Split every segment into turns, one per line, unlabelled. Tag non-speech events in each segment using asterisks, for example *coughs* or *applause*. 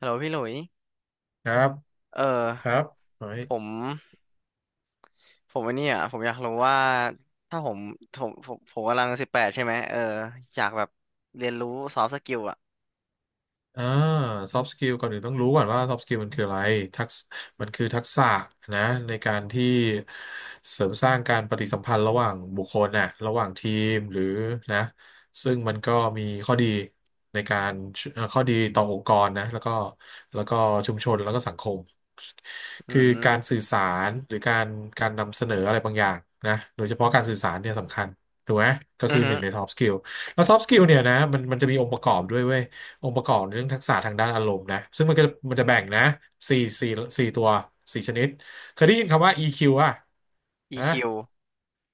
ฮัลโหลพี่หลุย
ครับ
เอ
ค
อ
รับขอให้
ผมผมอันนี้อ่ะผมอยากรู้ว่าถ้าผมกำลังสิบแปดใช่ไหมเอออยากแบบเรียนรู้ซอฟต์สกิลอ่ะ
อ่าซอฟต์สกิลก่อนอื่นต้องรู้ก่อนว่าซอฟตสกิลมันคืออะไรทักษมันคือทักษะนะในการที่เสริมสร้างการปฏิสัมพันธ์ระหว่างบุคคลน่ะระหว่างทีมหรือนะซึ่งมันก็มีข้อดีในการข้อดีต่อองค์กรนะแล้วก็ชุมชนแล้วก็สังคม
อื
คือการ
ม
สื่อสารหรือการการนำเสนออะไรบางอย่างนะโดยเฉพาะการสื่อสารเนี่ยสำคัญถูกไหมก็
อื
คื
อ
อห
ฮึ
นึ่งใน soft skill แล้ว soft skill เนี่ยนะมันจะมีองค์ประกอบด้วยเว้ย องค์ประกอบเรื่องทักษะทางด้านอารมณ์นะซึ่งมันก็มันจะแบ่งนะสี่สี่สี่ตัวสี่ชนิดเคยได้ยินคำว่า EQ อ่ะนะ
EQ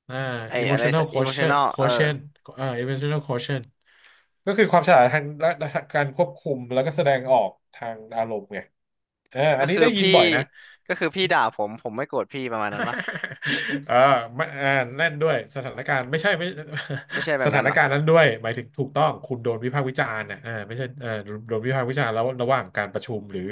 อ่า
ไออะไร
emotional quotient
emotional เออ
quotient emotional quotient ก็คือความฉลาดทางด้านการควบคุมแล้วก็แสดงออกทางอารมณ์ไงเออ
ก็
อันนี้
คือ
ได้ยิน
พี่
บ่อยนะ
ก็คือพี่ด่าผมผมไม่โกรธพี่ประมาณนั้นปะ
*laughs* เออไม่แน่นด้วยสถานการณ์ไม่ใช่ไม่
ไม่ใช่แบ
*laughs* ส
บ
ถา
นั้น
น
เหรอ
การณ์นั้นด้วยหมายถึงถูกต้องคุณโดนวิพากษ์วิจารณ์นะอ่าไม่ใช่เออโดนวิพากษ์วิจารณ์แล้วระหว่างการประชุมหรือ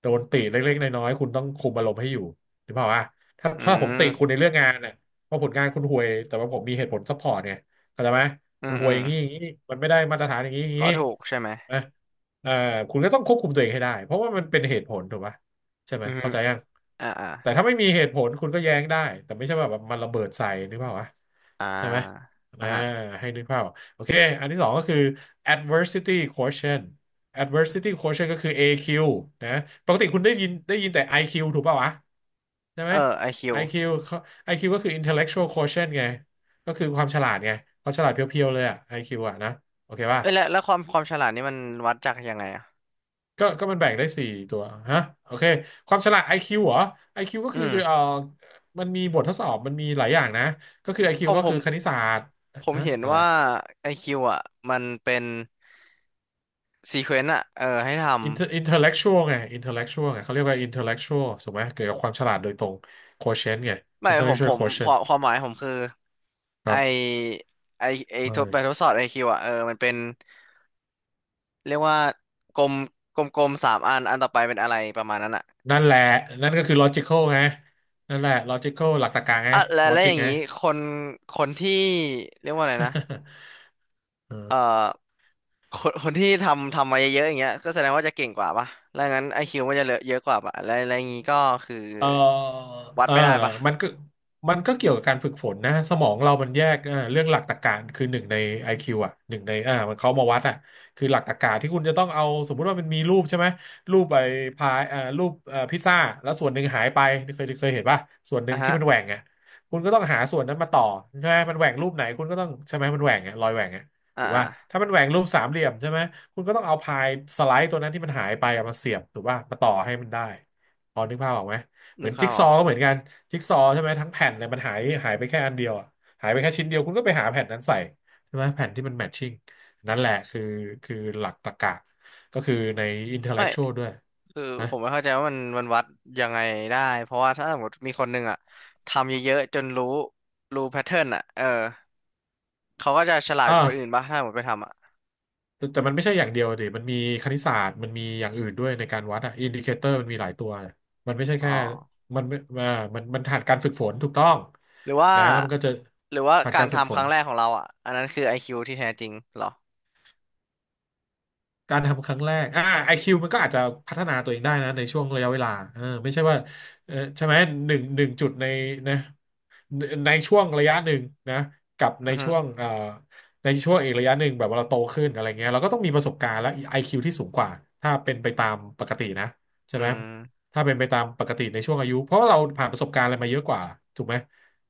โดนติเล็กๆน้อยๆคุณต้องคุมอารมณ์ให้อยู่หรือเปล่าอ่ะถ้า
อื
ถ้าผมติคุณ
ม
ในเรื่องงานน่ะเพราะผลงานคุณห่วยแต่ว่าผมมีเหตุผลซัพพอร์ตเนี่ยเข้าใจไหม
อื
มั
ม
นห่
อื
วย
ม
อย่างนี้อย่างนี้มันไม่ได้มาตรฐานอย่างนี้อย่าง
ก็
นี้
ถูกใช่ไหม
นะเออคุณก็ต้องควบคุมตัวเองให้ได้เพราะว่ามันเป็นเหตุผลถูกไหม ใช่ไหม
อือฮึ
เข้าใจยัง
อ่าอ่า
แต่ถ้าไม่มีเหตุผลคุณก็แย้งได้แต่ไม่ใช่ว่าแบบมันระเบิดใส่นึกภาพวะ
อ่า
ใช่ไหม
อ่า
อ่า
ฮะ
ให้นึกภาพออกโอเคอันที่สองก็คือ adversity quotient adversity quotient ก็คือ AQ นะปกติคุณได้ยินแต่ IQ ถูกป่าววะใช่ไห
เอ
ม
อไอคิว
IQ เขา IQ ก็คือ intellectual quotient ไงก็คือความฉลาดไงความฉลาดเพียวๆเลยอะ IQ อคิวอะนะโอเคป่ะ
เอ้ยแล้วแล้วความความฉลาดนี่มันวัดจากยังไงอ่ะ
ก็มันแบ่งได้สี่ตัวฮะโอเคความฉลาด IQ เหรอไอคิวก็
อื
คือ
ม
มันมีบททดสอบมันมีหลายอย่างนะก็คือ
ผ
IQ
ม
ก็
ผ
คื
ม
อคณิตศาสตร์
ผม
ฮะ
เห็น
อะไร
ว่าไอคิวอ่ะมันเป็นซีเควนต์อ่ะเออให้ทำ
intellectual ไง intellectual ไงเขาเรียกว่า intellectual ถูกไหมเกี่ยวกับความฉลาดโดยตรง quotient ไง
ไม่ผมผ
intellectual
มค
quotient
วามความหมายผมคือ
ค
ไอ
รับ
ไอ
เออ
ทดสอบไอคิวอ่ะเออมันเป็นเรียกว่ากลมกลมกลมสามอันอันต่อไปเป็นอะไรประมาณนั้นอ่ะ
นั่นแหละนั่นก็คือ logical ไงนั่นแหละ logical หลักตรรกะไง
อ่ะและแล้วอ
logic
ย่าง
ไง
นี้คนคนที่เรียกว่าอะไรนะ
*laughs* เออ
เอ่อคนคนที่ทำมาเยอะๆอย่างเงี้ยก็แสดงว่าจะเก่งกว่าป่ะแล้วงั้นไอคิวมันจะเหลือเยอะกว่าป่ะแล้วแล้วอย่างนี้ก็คือ
เออ
วัด
เออ
ไม่ได้ป่ะ
มันก็มันก็เกี่ยวกับการฝึกฝนนะสมองเรามันแยกเออเรื่องหลักตรรกะคือหนึ่งใน IQ อคิวอ่ะหนึ่งในมันเขามาวัดอ่ะคือหลักตรรกะที่คุณจะต้องเอาสมมุติว่ามันมีรูปใช่ไหมรูปไอ้พายรูปพิซซ่าแล้วส่วนหนึ่งหายไปเคยเห็นป่ะส่วนหนึ่
อ่ะ
งที่
ฮะ
มันแหว่งอ่ะคุณก็ต้องหาส่วนนั้นมาต่อใช่ไหมมันแหว่งรูปไหนคุณก็ต้องใช่ไหมมันแหว่งอ่ะรอยแหว่งอ่ะ
อ่
ถูกป่ะ
า
ถ้ามันแหว่งรูปสามเหลี่ยมใช่ไหมคุณก็ต้องเอาพายสไลด์ตัวนั้นที่มันหายไปอะมาเสียบถูกป่ะมาต่อให้มันได้พอนึกภาพออกไหม เห
นึ
มือ
ก
น
ภา
จิ๊
พ
ก
อ
ซอ
อก
ว์ก็เหมือนกันจิ๊กซอว์ใช่ไหมทั้งแผ่นเลยมันหายไปแค่อันเดียวอะหายไปแค่ชิ้นเดียวคุณก็ไปหาแผ่นนั้นใส่ใช่ไหมแผ่นที่มันแมทชิ่งนั่นแหละคือหลักตรรกะก็คือในอินเทลเล็
ไม่
กชวลด้วย
คือ
นะ
ผมไม่เข้าใจว่ามันมันวัดยังไงได้เพราะว่าถ้าสมมติมีคนหนึ่งอะทำเยอะๆจนรู้รู้แพทเทิร์นอะเออเขาก็จะฉลาดก
อ่า
ว่าคนอื่นป่ะถ้าสมมติไปทำอะ
แต่มันไม่ใช่อย่างเดียวดิมันมีคณิตศาสตร์มันมีอย่างอื่นด้วยในการวัดอะอินดิเคเตอร์มันมีหลายตัวมันไม่ใช่
อ๋อ
แค่ มันไม่อ่ามันผ่านการฝึกฝนถูกต้อง
หรือว่า
นะแล้วมันก็จะ
หรือว่า
ผ่าน
กา
กา
ร
รฝึก
ทำ
ฝ
ครั้
น
งแรกของเราอะอันนั้นคือ IQ ที่แท้จริงเหรอ
การทำครั้งแรกไอคิวมันก็อาจจะพัฒนาตัวเองได้นะในช่วงระยะเวลาเออไม่ใช่ว่าเออใช่ไหมหนึ่งจุดในนะในช่วงระยะหนึ่งนะกับใน
อือฮึ
ช่วงในช่วงอีกระยะหนึ่งแบบว่าเราโตขึ้นอะไรเงี้ยเราก็ต้องมีประสบการณ์และ IQ ที่สูงกว่าถ้าเป็นไปตามปกตินะใช่
อื
ไหม
ม
ถ้าเป็นไปตามปกติในช่วงอายุเพราะเราผ่านประสบการณ์อะไรมาเยอะกว่าถูกไหม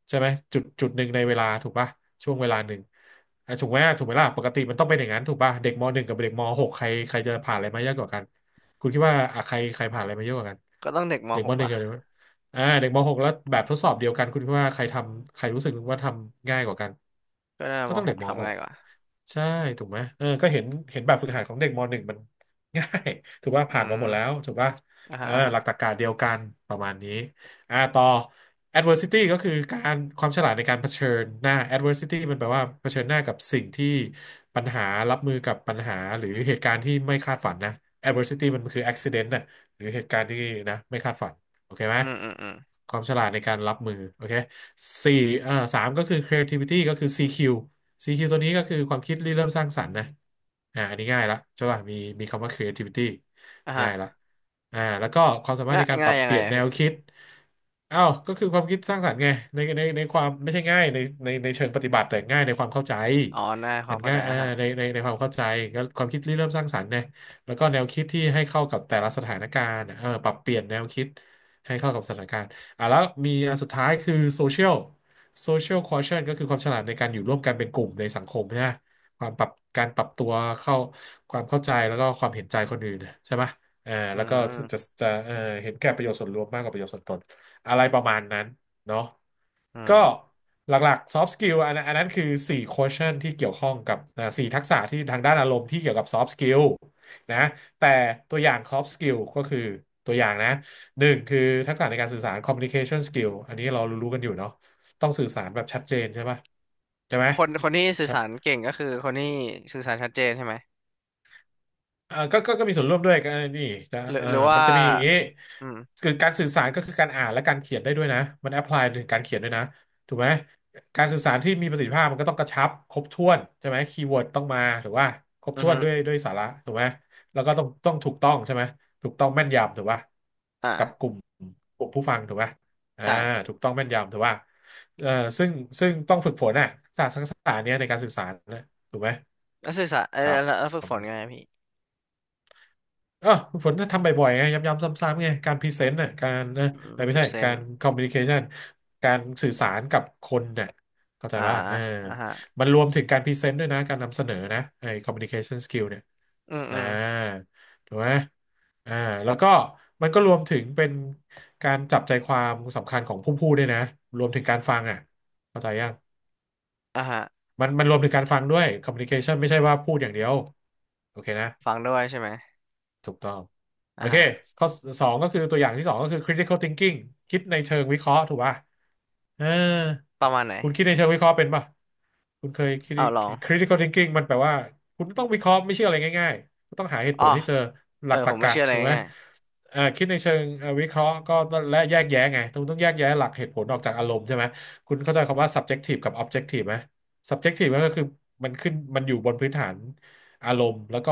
ใช่ไหมจุดหนึ่งในเวลาถูกป่ะช่วงเวลาหนึ่งอ่ะถูกไหมถูกไหมล่ะปกติมันต้องเป็นอย่างนั้นถูกป่ะเด็กมหนึ่งกับเด็กมหกใครใครจะผ่านอะไรมาเยอะกว่ากันคุณคิดว่าอ่ะใครใครผ่านอะไรมาเยอะกว่ากัน
ก็ต้องเด็กม
เด็กม
.6
หนึ่ง
ว่ะ
กับเด็กมเด็กมหกแล้วแบบทดสอบเดียวกันคุณคิดว่าใครทำใครรู้สึกว่าทำง่ายกว่ากัน
ก็ได้
ก็
ม
ต้องเด็
.6
กมห
ทำ
ก
ง่ายกว่า
ใช่ถูกไหมเออก็เห็นแบบฝึกหัดของเด็กมหนึ่งมัน *laughs* ง่าย *laughs* ถูกว่า
อื
ผ่านมาหมด
ม
แล้วถูกว่า
อ่า
เอ
ฮะ
อ
อ่า
ห
ฮะ
ลักตรรกะเดียวกันประมาณนี้อ่าต่อ adversity ก็คือการความฉลาดในการเผชิญหน้า adversity มันแปลว่าเผชิญหน้ากับสิ่งที่ปัญหารับมือกับปัญหาหรือเหตุการณ์ที่ไม่คาดฝันนะ adversity มันคือ accident น่ะหรือเหตุการณ์ที่นะไม่คาดฝันโอเคไหม
อืมอืมอืม
ความฉลาดในการรับมือโอเคสี่สามก็คือ creativity ก็คือ CQ CQ ตัวนี้ก็คือความคิดริเริ่มสร้างสรรค์นะอ่าอันนี้ง่ายละใช่ป่ะมีมีคำว่า creativity
อ่า
ง่าย
ฮะ
ละอ่าแล้วก็ความสามารถ
ง่า
ใน
ย
การป
ง่า
รั
ย
บ
ยั
เป
งไง
ลี่ยน
อะ
แน
พี่
วคิดอ้าวก็คือความคิดสร้างสรรค์ไงในความไม่ใช่ง่ายในเชิงปฏิบัติแต่ง่ายในความเข้าใจ
อ๋อง่ายควา
มั
ม
น
เข้า
ง่า
ใจ
ยอ่า
อ่ะฮะ
ในความเข้าใจก็ความคิดริเริ่มสร้างสรรค์เนยแล้วก็แนวคิดที่ให้เข้ากับแต่ละสถานการณ์เออปรับเปลี่ยนแนวคิดให้เข้ากับสถานการณ์อ่ะแล้วมีอันสุดท้ายคือโซเชียลโซเชียลคอเชนก็คือความฉลาดในการอยู่ร่วมกันเป็นกลุ่มในสังคมนะความปรับการปรับตัวเข้าความเข้าใจแล้วก็ความเห็นใจคนอื่นใช่ไหม อ่า
อื
แล้วก็
ม
จะเห็นแก่ประโยชน์ส่วนรวมมากกว่าประโยชน์ส่วนตนอะไรประมาณนั้นเนาะ
อื
ก็
ม
หลักๆ soft skill อันนั้นคือ4 quotient ที่เกี่ยวข้องกับอ่าสี่ทักษะที่ทางด้านอารมณ์ที่เกี่ยวกับ soft skill นะแต่ตัวอย่าง soft skill ก็คือตัวอย่างนะหนึ่งคือทักษะในการสื่อสาร communication skill อันนี้เรารู้ๆกันอยู่เนาะต้องสื่อสารแบบชัดเจนใช่ปะใช่ไหม
คนคนที่สื่อสารเก่งก็คือคนที่สื่อสารชัดเจนใช่ไหม
อ่าก็มีส่วนร่วมด้วยกันนี่จะเออ
หรือว่า
มันจะมีอย่างนี้
อืม
คือการสื่อสารก็คือการอ่านและการเขียนได้ด้วยนะ มันแอพพลายถึงการเขียนด้วยนะถูกไหม การสื่อสารที่มีประสิทธิภาพมันก็ต้องกระชับครบถ้วนใช่ไหมคีย์เวิร์ดต้องมาหรือว่าครบ
อือ
ถ้วน
ฮึ
ด้วยสาระถูกไหมแล้วก็ต้องถูกต้องใช่ไหม ถูกต้องแม่นยำถูกป่ะกับก
อ่า
ลุ่มกลุ่มผู้ฟังถูกป่ะอ่า
ใช่
ถูกต้องแม่นยำถูกป่ะเออซึ่งซึ่งต้องฝึกฝนอ่ะศาสตร์ทักษะเนี้ยในการสื่อสารนะถูกไหม
แล้วสื่อสารเออ
ครั
แล้วแล้วฝึกฝนไง
บ
พี่
เออคุณฝนถ้าทำบ่อยๆไงย้ำๆซ้ำๆไงการพรีเซนต์น่ะการนะ
อื
แต
ม
ไม่ใช่กา
present
รคอมมิวนิเคชันการสื่อสารกับคนเนี่ยเข้าใจ
อ่า
ป่ะเออ
อ่าฮะ
มันรวมถึงการพรีเซนต์ด้วยนะการนำเสนอนะไอ้คอมมิวนิเคชันสกิลเนี่ย
อืมอื
อ่า
ม
ถูกไหมอ่าแล้วก็มันก็รวมถึงเป็นการจับใจความสำคัญของผู้พูดด้วยนะรวมถึงการฟังอ่ะเข้าใจยัง
อ่าฮะ
มันรวมถึงการฟังด้วยคอมมิ n i c a t ชันไม่ใช่ว่าพูดอย่างเดียวโอเคนะ
ฟังด้วยใช่ไหม
ถูกต้องโอ
อ่า
เค
ฮะ
ข้อสองก็คือตัวอย่างที่สองก็คือ critical thinking คิดในเชิงวิเคราะห์ถูกป่ะเออ
ประมาณไหน
คุณคิดในเชิงวิเคราะห์เป็นป่ะ คุณเคย
เอาลอง
critical thinking มันแปลว่าคุณต้องวิเคราะห์ไม่ใช่อะไรง่ายๆก็ต้องหาเหตุ
อ๋
ผ
อ
ลให้เจอห
เอ
ลั
อ
กตร
ผ
ร
มไม่
กะ
เชื่ออะไร
ถูกไหม
ง่าย
คิดในเชิงวิเคราะห์ก็ต้องและแยกแยะไงต้องแยกแยะหลักเหตุผลออกจากอารมณ์ใช่ไหมคุณเข้าใจคำว่า subjective กับ objective ไหม subjective ก็คือมันขึ้นมันอยู่บนพื้นฐานอารมณ์แล้วก็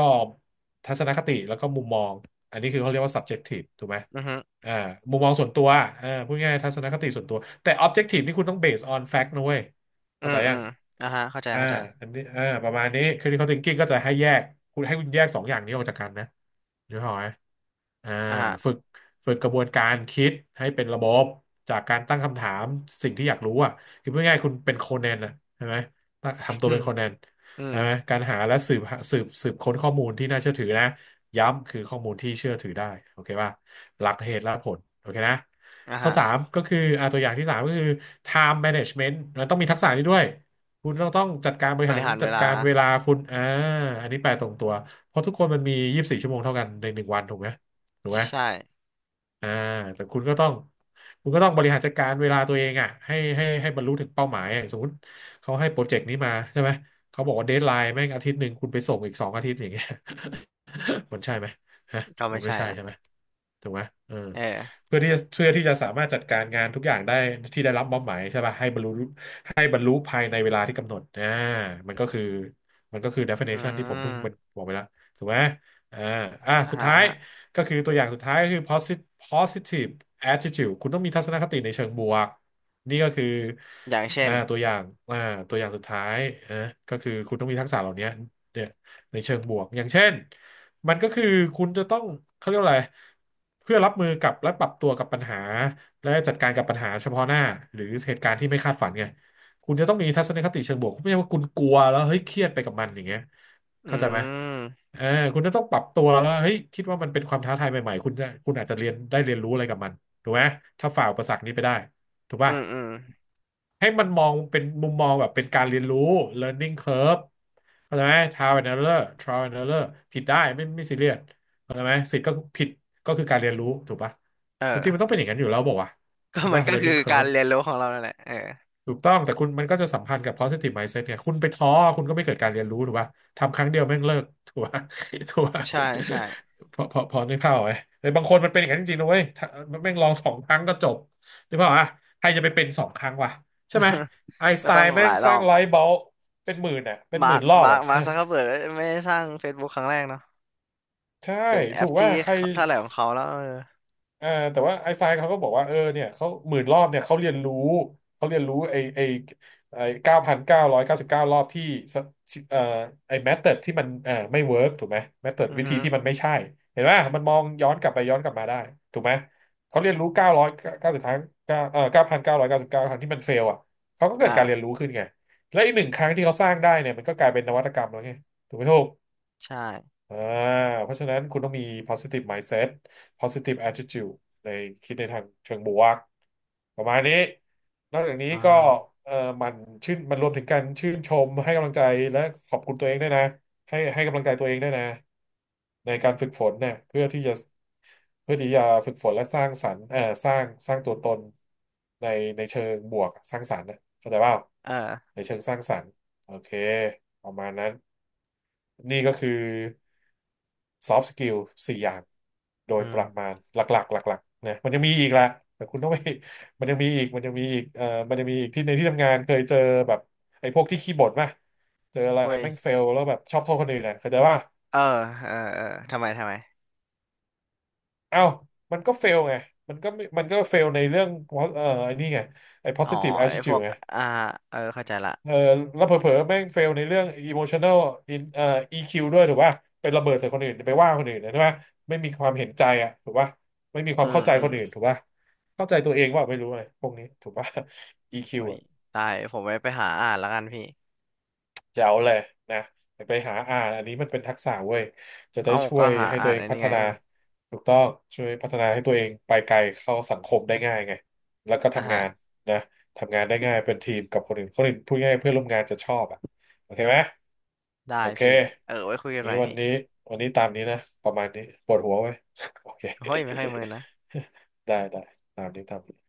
ทัศนคติแล้วก็มุมมองอันนี้คือเขาเรียกว่า subjective ถูกไหม
ๆอือฮึ
อ่ามุมมองส่วนตัวอ่าพูดง่ายๆทัศนคติส่วนตัวแต่ objective นี่คุณต้อง based on fact นะเว้ย
อื
เข้าใจ
มอื
ยัง
มอ่าฮะเข้าใจ
อ่า
เข้าใจ
อันนี้อ่าประมาณนี้ critical thinking ก็จะให้แยกคุณให้คุณแยกสองอย่างนี้ออกจากกันนะนึกออกไหมอ่า
อ่าฮะ
ฝึกฝึกกระบวนการคิดให้เป็นระบบจากการตั้งคำถามสิ่งที่อยากรู้อ่ะคือพูดง่ายๆคุณเป็นโคนันอ่ะใช่ไหม
*coughs*
ทำตั
อื
วเป็
ม
นโคนัน
อืม
ใช่ไหมการหาและสืบสืบค้นข้อมูลที่น่าเชื่อถือนะย้ำคือข้อมูลที่เชื่อถือได้โอเคป่ะหลักเหตุและผลโอเคนะ
อ่า
ข้อ
ฮะ
3ก็คืออ่าตัวอย่างที่3ก็คือ time management นะต้องมีทักษะนี้ด้วย คุณต้องจัดการบ
บ
ริหา
ริ
ร
หารเว
จัด
ลา
การเวลาคุณอ่าอันนี้แปลตรงตัว เพราะทุกคนมันมี24 ชั่วโมงเท่ากันใน1 วันถูกไหม ถูกไหม
ใช่
อ่าแต่คุณก็ต้องบริหารจัดการเวลาตัวเองอ่ะให้บรรลุถึงเป้าหมายอะสมมติเขาให้โปรเจกต์นี้มาใช่ไหมเขาบอกว่าเดดไลน์แม่ง1 อาทิตย์คุณไปส่งอีก2 อาทิตย์อย่างเงี้ย มันใช่ไหมฮะ
ก็
มั
ไม่
นไม่
ใช่
ใช่
ละ
ใช่ไหมถูกไหมเออ
เออ
เพื่อที่จะสามารถจัดการงานทุกอย่างได้ที่ได้รับมอบหมายใช่ป่ะให้บรรลุให้บรรลุภายในเวลาที่กำหนดอ่ามันก็คือ
อื
definition ที่ผมเพิ่ง
ม
บอกไปแล้วถูกไหมอ่าอ่า
อ่า
สุด
ฮะ
ท้า
อ่า
ย
ฮะ
ก็คือตัวอย่างสุดท้ายก็คือ positive attitude คุณต้องมีทัศนคติในเชิงบวกนี่ก็คือ
อย่างเช่
อ่า
น
ตัวอย่างอ่าตัวอย่างสุดท้ายอ่าก็คือคุณต้องมีทักษะเหล่านี้เนี่ย ในเชิงบวกอย่างเช่นมันก็คือคุณจะต้องเขาเรียกว่าอะไรเพื่อรับมือกับและปรับตัวกับปัญหาและจัดการกับปัญหาเฉพาะหน้าหรือเหตุการณ์ที่ไม่คาดฝันไงคุณจะต้องมีทัศนคติเชิงบวกไม่ใช่ว่าคุณกลัวแล้วเฮ้ยเครียดไปกับมันอย่างเงี้ย
อื
เข้าใจไหม
ม
เออคุณจะต้องปรับตัวแล้วเฮ้ยคิดว่ามันเป็นความท้าทายใหม่ๆคุณอาจจะเรียนได้เรียนรู้อะไรกับมันถูกไหมถ้าฝ่าอุปสรรคนี้ไปได้ ถูก
อื
ป่ะ
มอืม
ให้มันมองเป็นมุมมองแบบเป็นการเรียนรู้ learning curve เข้าใจไหม trial and error trial and error ผิดได้ไม่ซีเรียสเข้าใจไหมสิทธิ์ก็ผิดก็คือการเรียนรู้ถูกป่ะ
เออ
จริงๆ
*laughs*
มันต้องเป็นอย่างนั้นอยู่แล้วบอกว่าว
ก็
ะถูก
มัน
ป่ะ
ก็คือ
learning
การ
curve
เรียนรู้ของเรานั่นแหละเออ
ถูกต้องแต่คุณมันก็จะสัมพันธ์กับ positive mindset เนี่ยคุณไปท้อคุณก็ไม่เกิดการเรียนรู้ถูกป่ะทำครั้งเดียวแม่งเลิก *laughs* ถูกป่ะถูกป่ะ
ใช่ใช่
พอนึกภาพออกไหมแต่บางคนมันเป็นอย่างนั้นจริงๆนะเว้ยถ้ามันแม่งลองสองครั้งก็จบนึกภาพอ่ะใครจะไปเป็นสองครั้งวะใช่ไหมไอน์
*laughs*
ส
ก็
ไต
ต้อง
น์
ห
แม่
ลา
ง
ยร
ส
อ
ร้าง
บ
ไลท์บัลบ์เป็นหมื่นอ่ะเป็นหมื่นรอบอ่ะ
มาร์ค
ฮะ
ซักเคอร์เบิร์กไม่ได้สร้าง Facebook ครั้งแรกเนาะ
ใช่
เป็นแอ
ถู
ป
ก
ที่
ว่าใคร
เขาเท่าไหร่ของเขาแล้วเออ
เออแต่ว่าไอน์สไตน์เขาก็บอกว่าเออเนี่ยเขาหมื่นรอบเนี่ยเขาเรียนรู้เขาเรียนรู้ไอ9,999 รอบที่สเอ่อไอแมธอดที่มันไม่เวิร์กถูกไหมแมธอด
อือ
วิธี
ฮึ
ที่มันไม่ใช่เห็นไหมมันมองย้อนกลับไปย้อนกลับมาได้ถูกไหมเขาเรียนรู้990 ครั้งเก้า9,999 ครั้งที่มันเฟลอ่ะเขาก็เกิดการเรียน
อ่า
รู้ขึ้นไงและอีก1 ครั้งที่เขาสร้างได้เนี่ยมันก็กลายเป็นนวัตกรรมแล้วไงถูกไหมถูก
ใช่
อ่าเพราะฉะนั้นคุณต้องมี positive mindset positive attitude ในคิดในทางเชิงบวกประมาณนี้นอกจากนี้
อ่า
ก็เออมันมันรวมถึงการชื่นชมให้กำลังใจและขอบคุณตัวเองด้วยนะให้กำลังใจตัวเองด้วยนะในการฝึกฝนเนี่ยเพื่อที่จะเพื่อที่จะฝึกฝนและสร้างสรรค์สร้างตัวตนในเชิงบวกสร้างสรรค์นะเข้าใจเปล่า
เออ
ในเชิงสร้างสรรค์โอเคประมาณนั้นนี่ก็คือ ซอฟต์สกิล4 อย่างโด
อื
ยประมา
ม
ณหลักๆหลักๆนะมันยังมีอีกละแต่คุณต้องไป *laughs* มันยังมีอีกมันยังมีอีกที่ในที่ทำงานเคยเจอแบบไอ้พวกที่ขี้บ่นป่ะเจออะไร
เว้ย
แม่งเฟลแล้วแบบชอบโทษคนอื่นนะเข้าใจว่า
เออเออเออทำไมทำไม
เอ้ามันก็เฟลไงมันก็เฟลในเรื่องไอ้นี่ไงไอ้
อ๋อ
positive
ไอ้พว
attitude
ก
ไง
อ่าเออเข้าใจละ
เออแล้วเผลอๆแม่งเฟลในเรื่อง emotional in EQ ด้วยถูกป่ะเป็นระเบิดใส่คนอื่นไปว่าคนอื่นนะใช่ป่ะไม่มีความเห็นใจอ่ะถูกป่ะไม่มีค
อื
วาม
ม
เข้าใจ
อื
ค
ม
นอื่นถูกป่ะเข้าใจตัวเองว่าไม่รู้อะไรพวกนี้ถูกป่ะ EQ
เฮ้ย
อ่ะ
ได้ผมไปหาอ่านแล้วกันพี่
แจ๋วเลยนะไปหาอ่านอันนี้มันเป็นทักษะเว้ยจะได้
เอ้า
ช่ว
ก็
ย
หา
ให้ตั
อ่า
ว
น
เอง
อัน
พั
นี้
ฒ
ไง
นาถูกต้องช่วยพัฒนาให้ตัวเองไปไกลเข้าสังคมได้ง่ายไงแล้วก็
อ่า
ทำงานนะทำงานได้ง่ายเป็นทีมกับคนอื่นพูดง่ายๆเพื่อนร่วมงานจะชอบอ่ะโอเคไหม
ได้
โอเค
พี่เออไว้คุยกันให
งี้
ม่
วัน
พี่
นี้ตามนี้นะประมาณนี้ปวดหัวไหม *laughs* โอเค
โอ้ยไม่ค่อยเมินนะ
*laughs* ได้ตามนี้